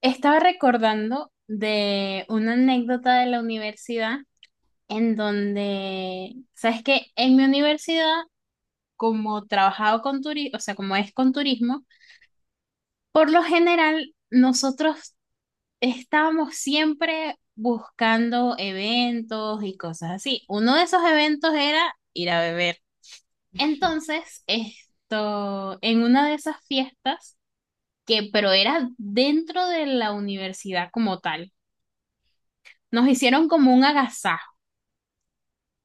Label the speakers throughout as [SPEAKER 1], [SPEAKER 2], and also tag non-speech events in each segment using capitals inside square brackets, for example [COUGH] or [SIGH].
[SPEAKER 1] Estaba recordando de una anécdota de la universidad en donde, sabes, que en mi universidad, como trabajaba con turismo, o sea, como es con turismo, por lo general nosotros estábamos siempre buscando eventos y cosas así. Uno de esos eventos era ir a beber. Entonces, esto, en una de esas fiestas, que pero era dentro de la universidad como tal. Nos hicieron como un agasajo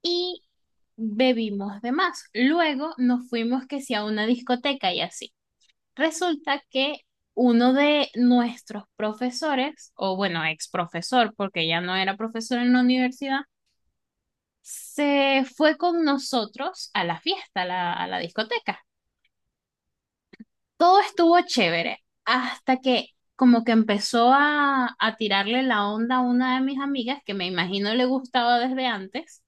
[SPEAKER 1] y bebimos de más. Luego nos fuimos que si a una discoteca y así. Resulta que uno de nuestros profesores, o bueno, ex profesor, porque ya no era profesor en la universidad, se fue con nosotros a la fiesta, a la discoteca. Todo estuvo chévere hasta que como que empezó a tirarle la onda a una de mis amigas que me imagino le gustaba desde antes.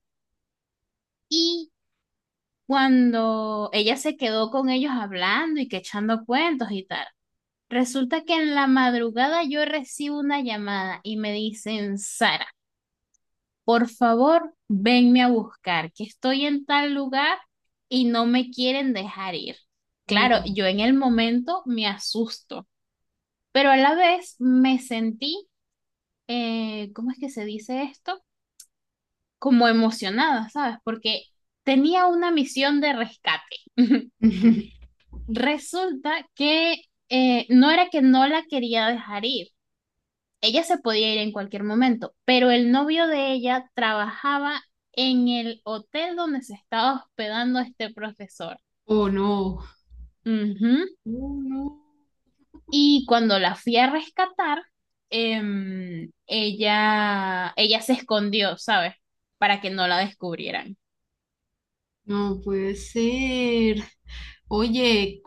[SPEAKER 1] Y cuando ella se quedó con ellos hablando y que echando cuentos y tal. Resulta que en la madrugada yo recibo una llamada y me dicen, Sara, por favor, venme a buscar, que estoy en tal lugar y no me quieren dejar ir. Claro,
[SPEAKER 2] Oh,
[SPEAKER 1] yo en el momento me asusto, pero a la vez me sentí, ¿cómo es que se dice esto? Como emocionada, ¿sabes? Porque tenía una misión de rescate. [LAUGHS]
[SPEAKER 2] [LAUGHS]
[SPEAKER 1] Resulta que no era que no la quería dejar ir, ella se podía ir en cualquier momento, pero el novio de ella trabajaba en el hotel donde se estaba hospedando este profesor.
[SPEAKER 2] oh no,
[SPEAKER 1] Ujú.
[SPEAKER 2] oh no,
[SPEAKER 1] Y cuando la fui a rescatar, ella se escondió, ¿sabes? Para que no la descubrieran.
[SPEAKER 2] no puede ser. Oye,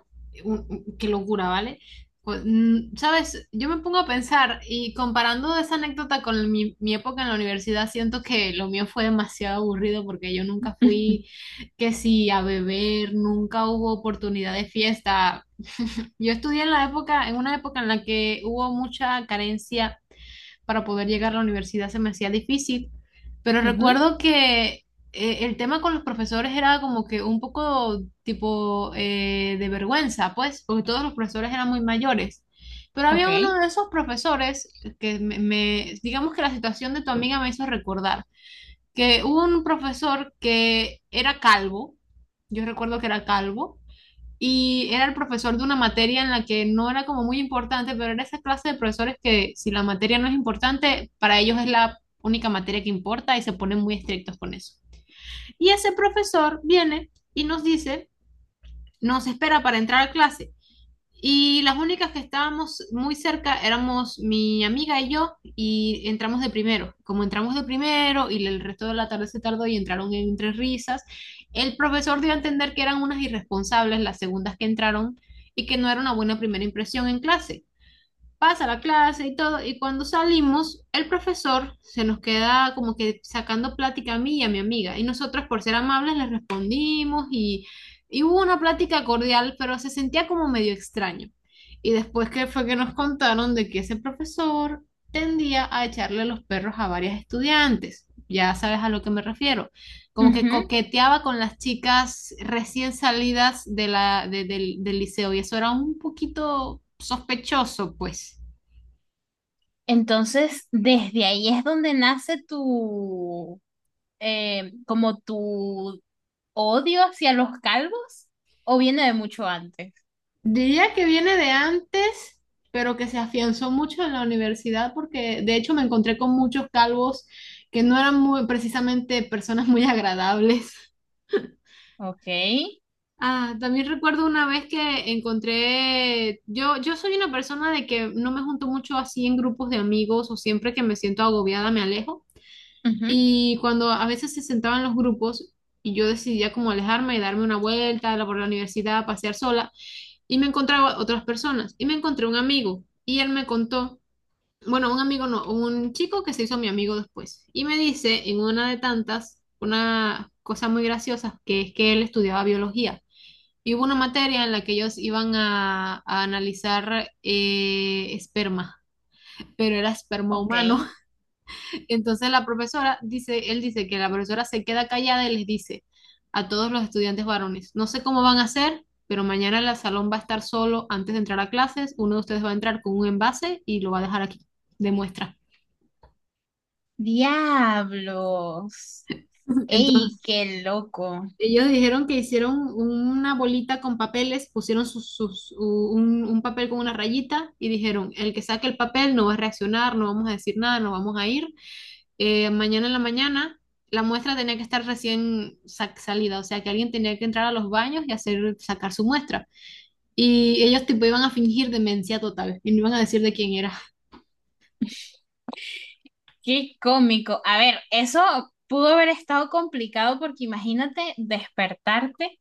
[SPEAKER 2] qué locura, ¿vale? Sabes, yo me pongo a pensar y comparando esa anécdota con mi época en la universidad, siento que lo mío fue demasiado aburrido porque yo nunca fui,
[SPEAKER 1] [LAUGHS]
[SPEAKER 2] que sí, a beber, nunca hubo oportunidad de fiesta. Yo estudié en la época, en una época en la que hubo mucha carencia para poder llegar a la universidad se me hacía difícil, pero
[SPEAKER 1] Ujú.
[SPEAKER 2] recuerdo que el tema con los profesores era como que un poco tipo de vergüenza, pues, porque todos los profesores eran muy mayores. Pero
[SPEAKER 1] Ok.
[SPEAKER 2] había uno de esos profesores que digamos que la situación de tu amiga me hizo recordar, que hubo un profesor que era calvo, yo recuerdo que era calvo, y era el profesor de una materia en la que no era como muy importante, pero era esa clase de profesores que si la materia no es importante, para ellos es la única materia que importa y se ponen muy estrictos con eso. Y ese profesor viene y nos dice, nos espera para entrar a clase y las únicas que estábamos muy cerca éramos mi amiga y yo, y entramos de primero. Como entramos de primero y el resto de la tarde se tardó y entraron entre risas, el profesor dio a entender que eran unas irresponsables las segundas que entraron y que no era una buena primera impresión en clase pasa la clase y todo, y cuando salimos, el profesor se nos queda como que sacando plática a mí y a mi amiga, y nosotros por ser amables le respondimos y hubo una plática cordial, pero se sentía como medio extraño. Y después que fue que nos contaron de que ese profesor tendía a echarle los perros a varias estudiantes. Ya sabes a lo que me refiero. Como que
[SPEAKER 1] Ujú.
[SPEAKER 2] coqueteaba con las chicas recién salidas de la, del liceo y eso era un poquito sospechoso, pues.
[SPEAKER 1] Entonces, ¿desde ahí es donde nace tu, como tu odio hacia los calvos, o viene de mucho antes?
[SPEAKER 2] Diría que viene de antes, pero que se afianzó mucho en la universidad porque de hecho me encontré con muchos calvos que no eran muy, precisamente personas muy [LAUGHS] agradables.
[SPEAKER 1] Ok,
[SPEAKER 2] Ah, también recuerdo una vez que encontré, yo soy una persona de que no me junto mucho así en grupos de amigos o siempre que me siento agobiada me alejo.
[SPEAKER 1] ujú,
[SPEAKER 2] Y cuando a veces se sentaban los grupos y yo decidía como alejarme y darme una vuelta por la universidad, pasear sola. Y me encontraba otras personas y me encontré un amigo y él me contó, bueno, un amigo no, un chico que se hizo mi amigo después y me dice en una de tantas una cosa muy graciosa que es que él estudiaba biología y hubo una materia en la que ellos iban a analizar esperma, pero era esperma
[SPEAKER 1] ok.
[SPEAKER 2] humano. Entonces la profesora dice, él dice que la profesora se queda callada y les dice a todos los estudiantes varones, no sé cómo van a hacer, pero mañana el salón va a estar solo antes de entrar a clases, uno de ustedes va a entrar con un envase y lo va a dejar aquí, de muestra.
[SPEAKER 1] Diablos.
[SPEAKER 2] [LAUGHS]
[SPEAKER 1] ¡Ey,
[SPEAKER 2] Entonces,
[SPEAKER 1] qué loco!
[SPEAKER 2] ellos dijeron que hicieron una bolita con papeles, pusieron un papel con una rayita y dijeron, el que saque el papel no va a reaccionar, no vamos a decir nada, no vamos a ir, mañana en la mañana, la muestra tenía que estar recién salida, o sea que alguien tenía que entrar a los baños y hacer, sacar su muestra. Y ellos tipo iban a fingir demencia total y no iban a decir de quién era.
[SPEAKER 1] ¡Qué cómico! A ver, eso pudo haber estado complicado porque imagínate despertarte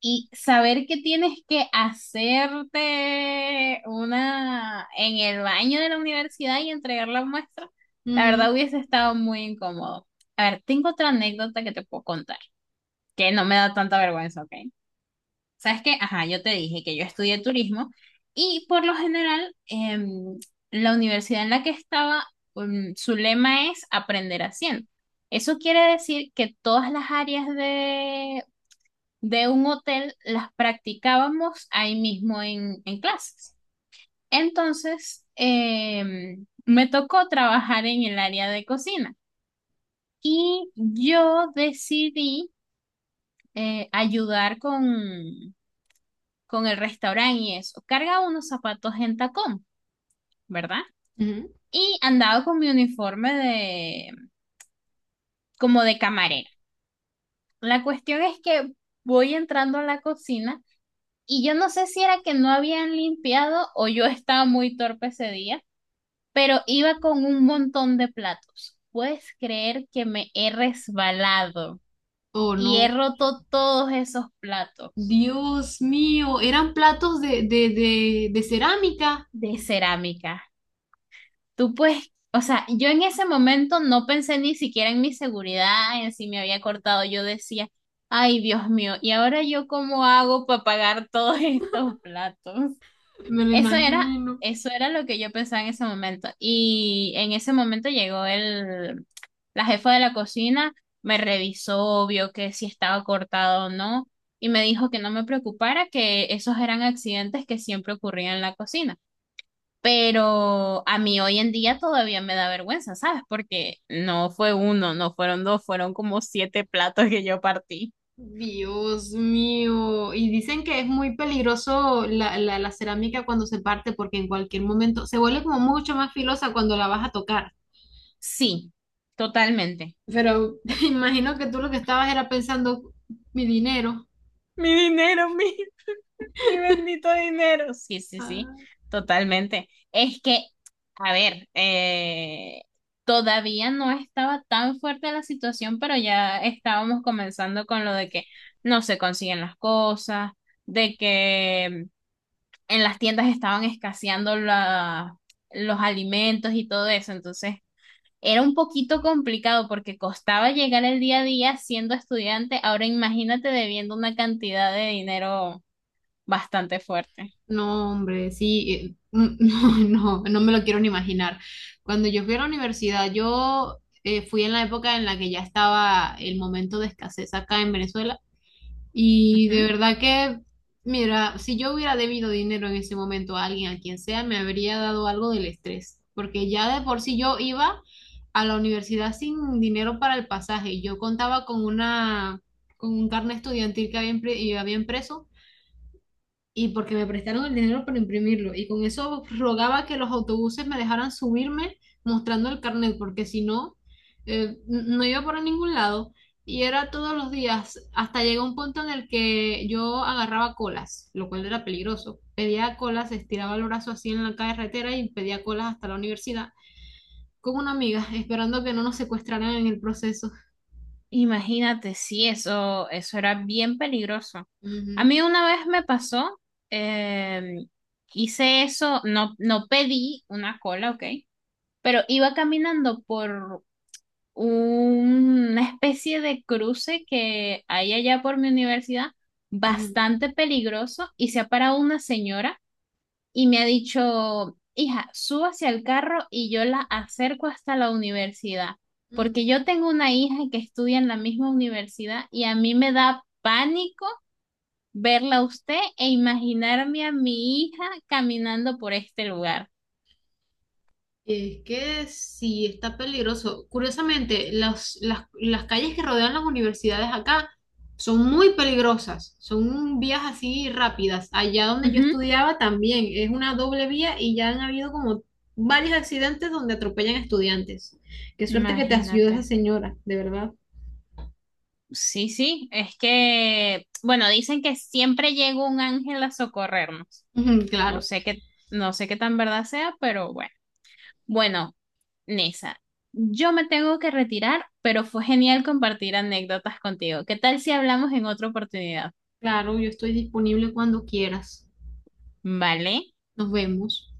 [SPEAKER 1] y saber que tienes que hacerte una en el baño de la universidad y entregar la muestra. La verdad
[SPEAKER 2] Ujú,
[SPEAKER 1] hubiese estado muy incómodo. A ver, tengo otra anécdota que te puedo contar, que no me da tanta vergüenza, ¿ok? Sabes que, ajá, yo te dije que yo estudié turismo y por lo general la universidad en la que estaba, su lema es aprender haciendo. Eso quiere decir que todas las áreas de un hotel las practicábamos ahí mismo en clases. Entonces, me tocó trabajar en el área de cocina y yo decidí, ayudar con el restaurante y eso. Cargaba unos zapatos en tacón, ¿verdad?
[SPEAKER 2] ujú.
[SPEAKER 1] Y andaba con mi uniforme de como de camarera. La cuestión es que voy entrando a la cocina. Y yo no sé si era que no habían limpiado o yo estaba muy torpe ese día, pero iba con un montón de platos. ¿Puedes creer que me he resbalado
[SPEAKER 2] Oh,
[SPEAKER 1] y he
[SPEAKER 2] no.
[SPEAKER 1] roto todos esos platos
[SPEAKER 2] Dios mío, eran platos de, de cerámica,
[SPEAKER 1] de cerámica? Tú puedes, o sea, yo en ese momento no pensé ni siquiera en mi seguridad, en si me había cortado. Yo decía, ay, Dios mío, ¿y ahora yo cómo hago para pagar todos [LAUGHS] estos platos?
[SPEAKER 2] me lo
[SPEAKER 1] Eso era,
[SPEAKER 2] imagino.
[SPEAKER 1] eso era lo que yo pensaba en ese momento. Y en ese momento llegó la jefa de la cocina, me revisó, vio que si estaba cortado o no, y me dijo que no me preocupara, que esos eran accidentes que siempre ocurrían en la cocina. Pero a mí hoy en día todavía me da vergüenza, ¿sabes? Porque no fue uno, no fueron dos, fueron como siete platos que yo partí.
[SPEAKER 2] Dios mío, y dicen que es muy peligroso la cerámica cuando se parte porque en cualquier momento se vuelve como mucho más filosa cuando la vas a tocar.
[SPEAKER 1] Sí, totalmente.
[SPEAKER 2] Pero [LAUGHS] imagino que tú lo que estabas era pensando mi dinero.
[SPEAKER 1] Mi dinero, mi mi bendito dinero. Sí, sí, sí,
[SPEAKER 2] Ah,
[SPEAKER 1] totalmente. Es que, a ver, todavía no estaba tan fuerte la situación, pero ya estábamos comenzando con lo de que no se consiguen las cosas, de que en las tiendas estaban escaseando la- los alimentos y todo eso. Entonces, era un poquito complicado porque costaba llegar el día a día siendo estudiante. Ahora imagínate debiendo una cantidad de dinero bastante fuerte.
[SPEAKER 2] no, hombre, sí, [LAUGHS] no, no, no me lo quiero ni imaginar. Cuando yo fui a la universidad, yo fui en la época en la que ya estaba el momento de escasez acá en Venezuela. Y de
[SPEAKER 1] Ujú.
[SPEAKER 2] verdad que, mira, si yo hubiera debido dinero en ese momento a alguien, a quien sea, me habría dado algo del estrés, porque ya de por sí yo iba a la universidad sin dinero para el pasaje. Yo contaba con una, con un carnet estudiantil que había, y había impreso y porque me prestaron el dinero para imprimirlo. Y con eso rogaba que los autobuses me dejaran subirme mostrando el carnet, porque si no, no iba por ningún lado. Y era todos los días, hasta llegó un punto en el que yo agarraba colas, lo cual era peligroso. Pedía colas, estiraba el brazo así en la carretera y pedía colas hasta la universidad con una amiga, esperando que no nos secuestraran en el proceso.
[SPEAKER 1] Imagínate, sí, eso era bien peligroso. A
[SPEAKER 2] Ujú,
[SPEAKER 1] mí una vez me pasó, em, hice eso, no, no pedí una cola, ok, pero iba caminando por una especie de cruce que hay allá por mi universidad,
[SPEAKER 2] ujú,
[SPEAKER 1] bastante peligroso, y se ha parado una señora. Y me ha dicho, hija, suba hacia el carro y yo la acerco hasta la universidad,
[SPEAKER 2] ujú.
[SPEAKER 1] porque yo tengo una hija que estudia en la misma universidad y a mí me da pánico verla a usted e imaginarme a mi hija caminando por este lugar.
[SPEAKER 2] Es que sí, está peligroso. Curiosamente, las calles que rodean las universidades acá son muy peligrosas, son vías así rápidas. Allá donde yo
[SPEAKER 1] Ujú.
[SPEAKER 2] estudiaba también es una doble vía y ya han habido como varios accidentes donde atropellan estudiantes. Qué suerte que te ayuda esa
[SPEAKER 1] Imagínate.
[SPEAKER 2] señora, de verdad.
[SPEAKER 1] Sí, sí, es que, bueno, dicen que siempre llega un ángel a socorrernos.
[SPEAKER 2] Ujú,
[SPEAKER 1] No
[SPEAKER 2] claro,
[SPEAKER 1] sé qué, no sé qué tan verdad sea, pero bueno. Bueno, Nisa, yo me tengo que retirar, pero fue genial compartir anécdotas contigo. ¿Qué tal si hablamos en otra oportunidad?
[SPEAKER 2] claro, yo estoy disponible cuando quieras.
[SPEAKER 1] ¿Vale?
[SPEAKER 2] Nos vemos.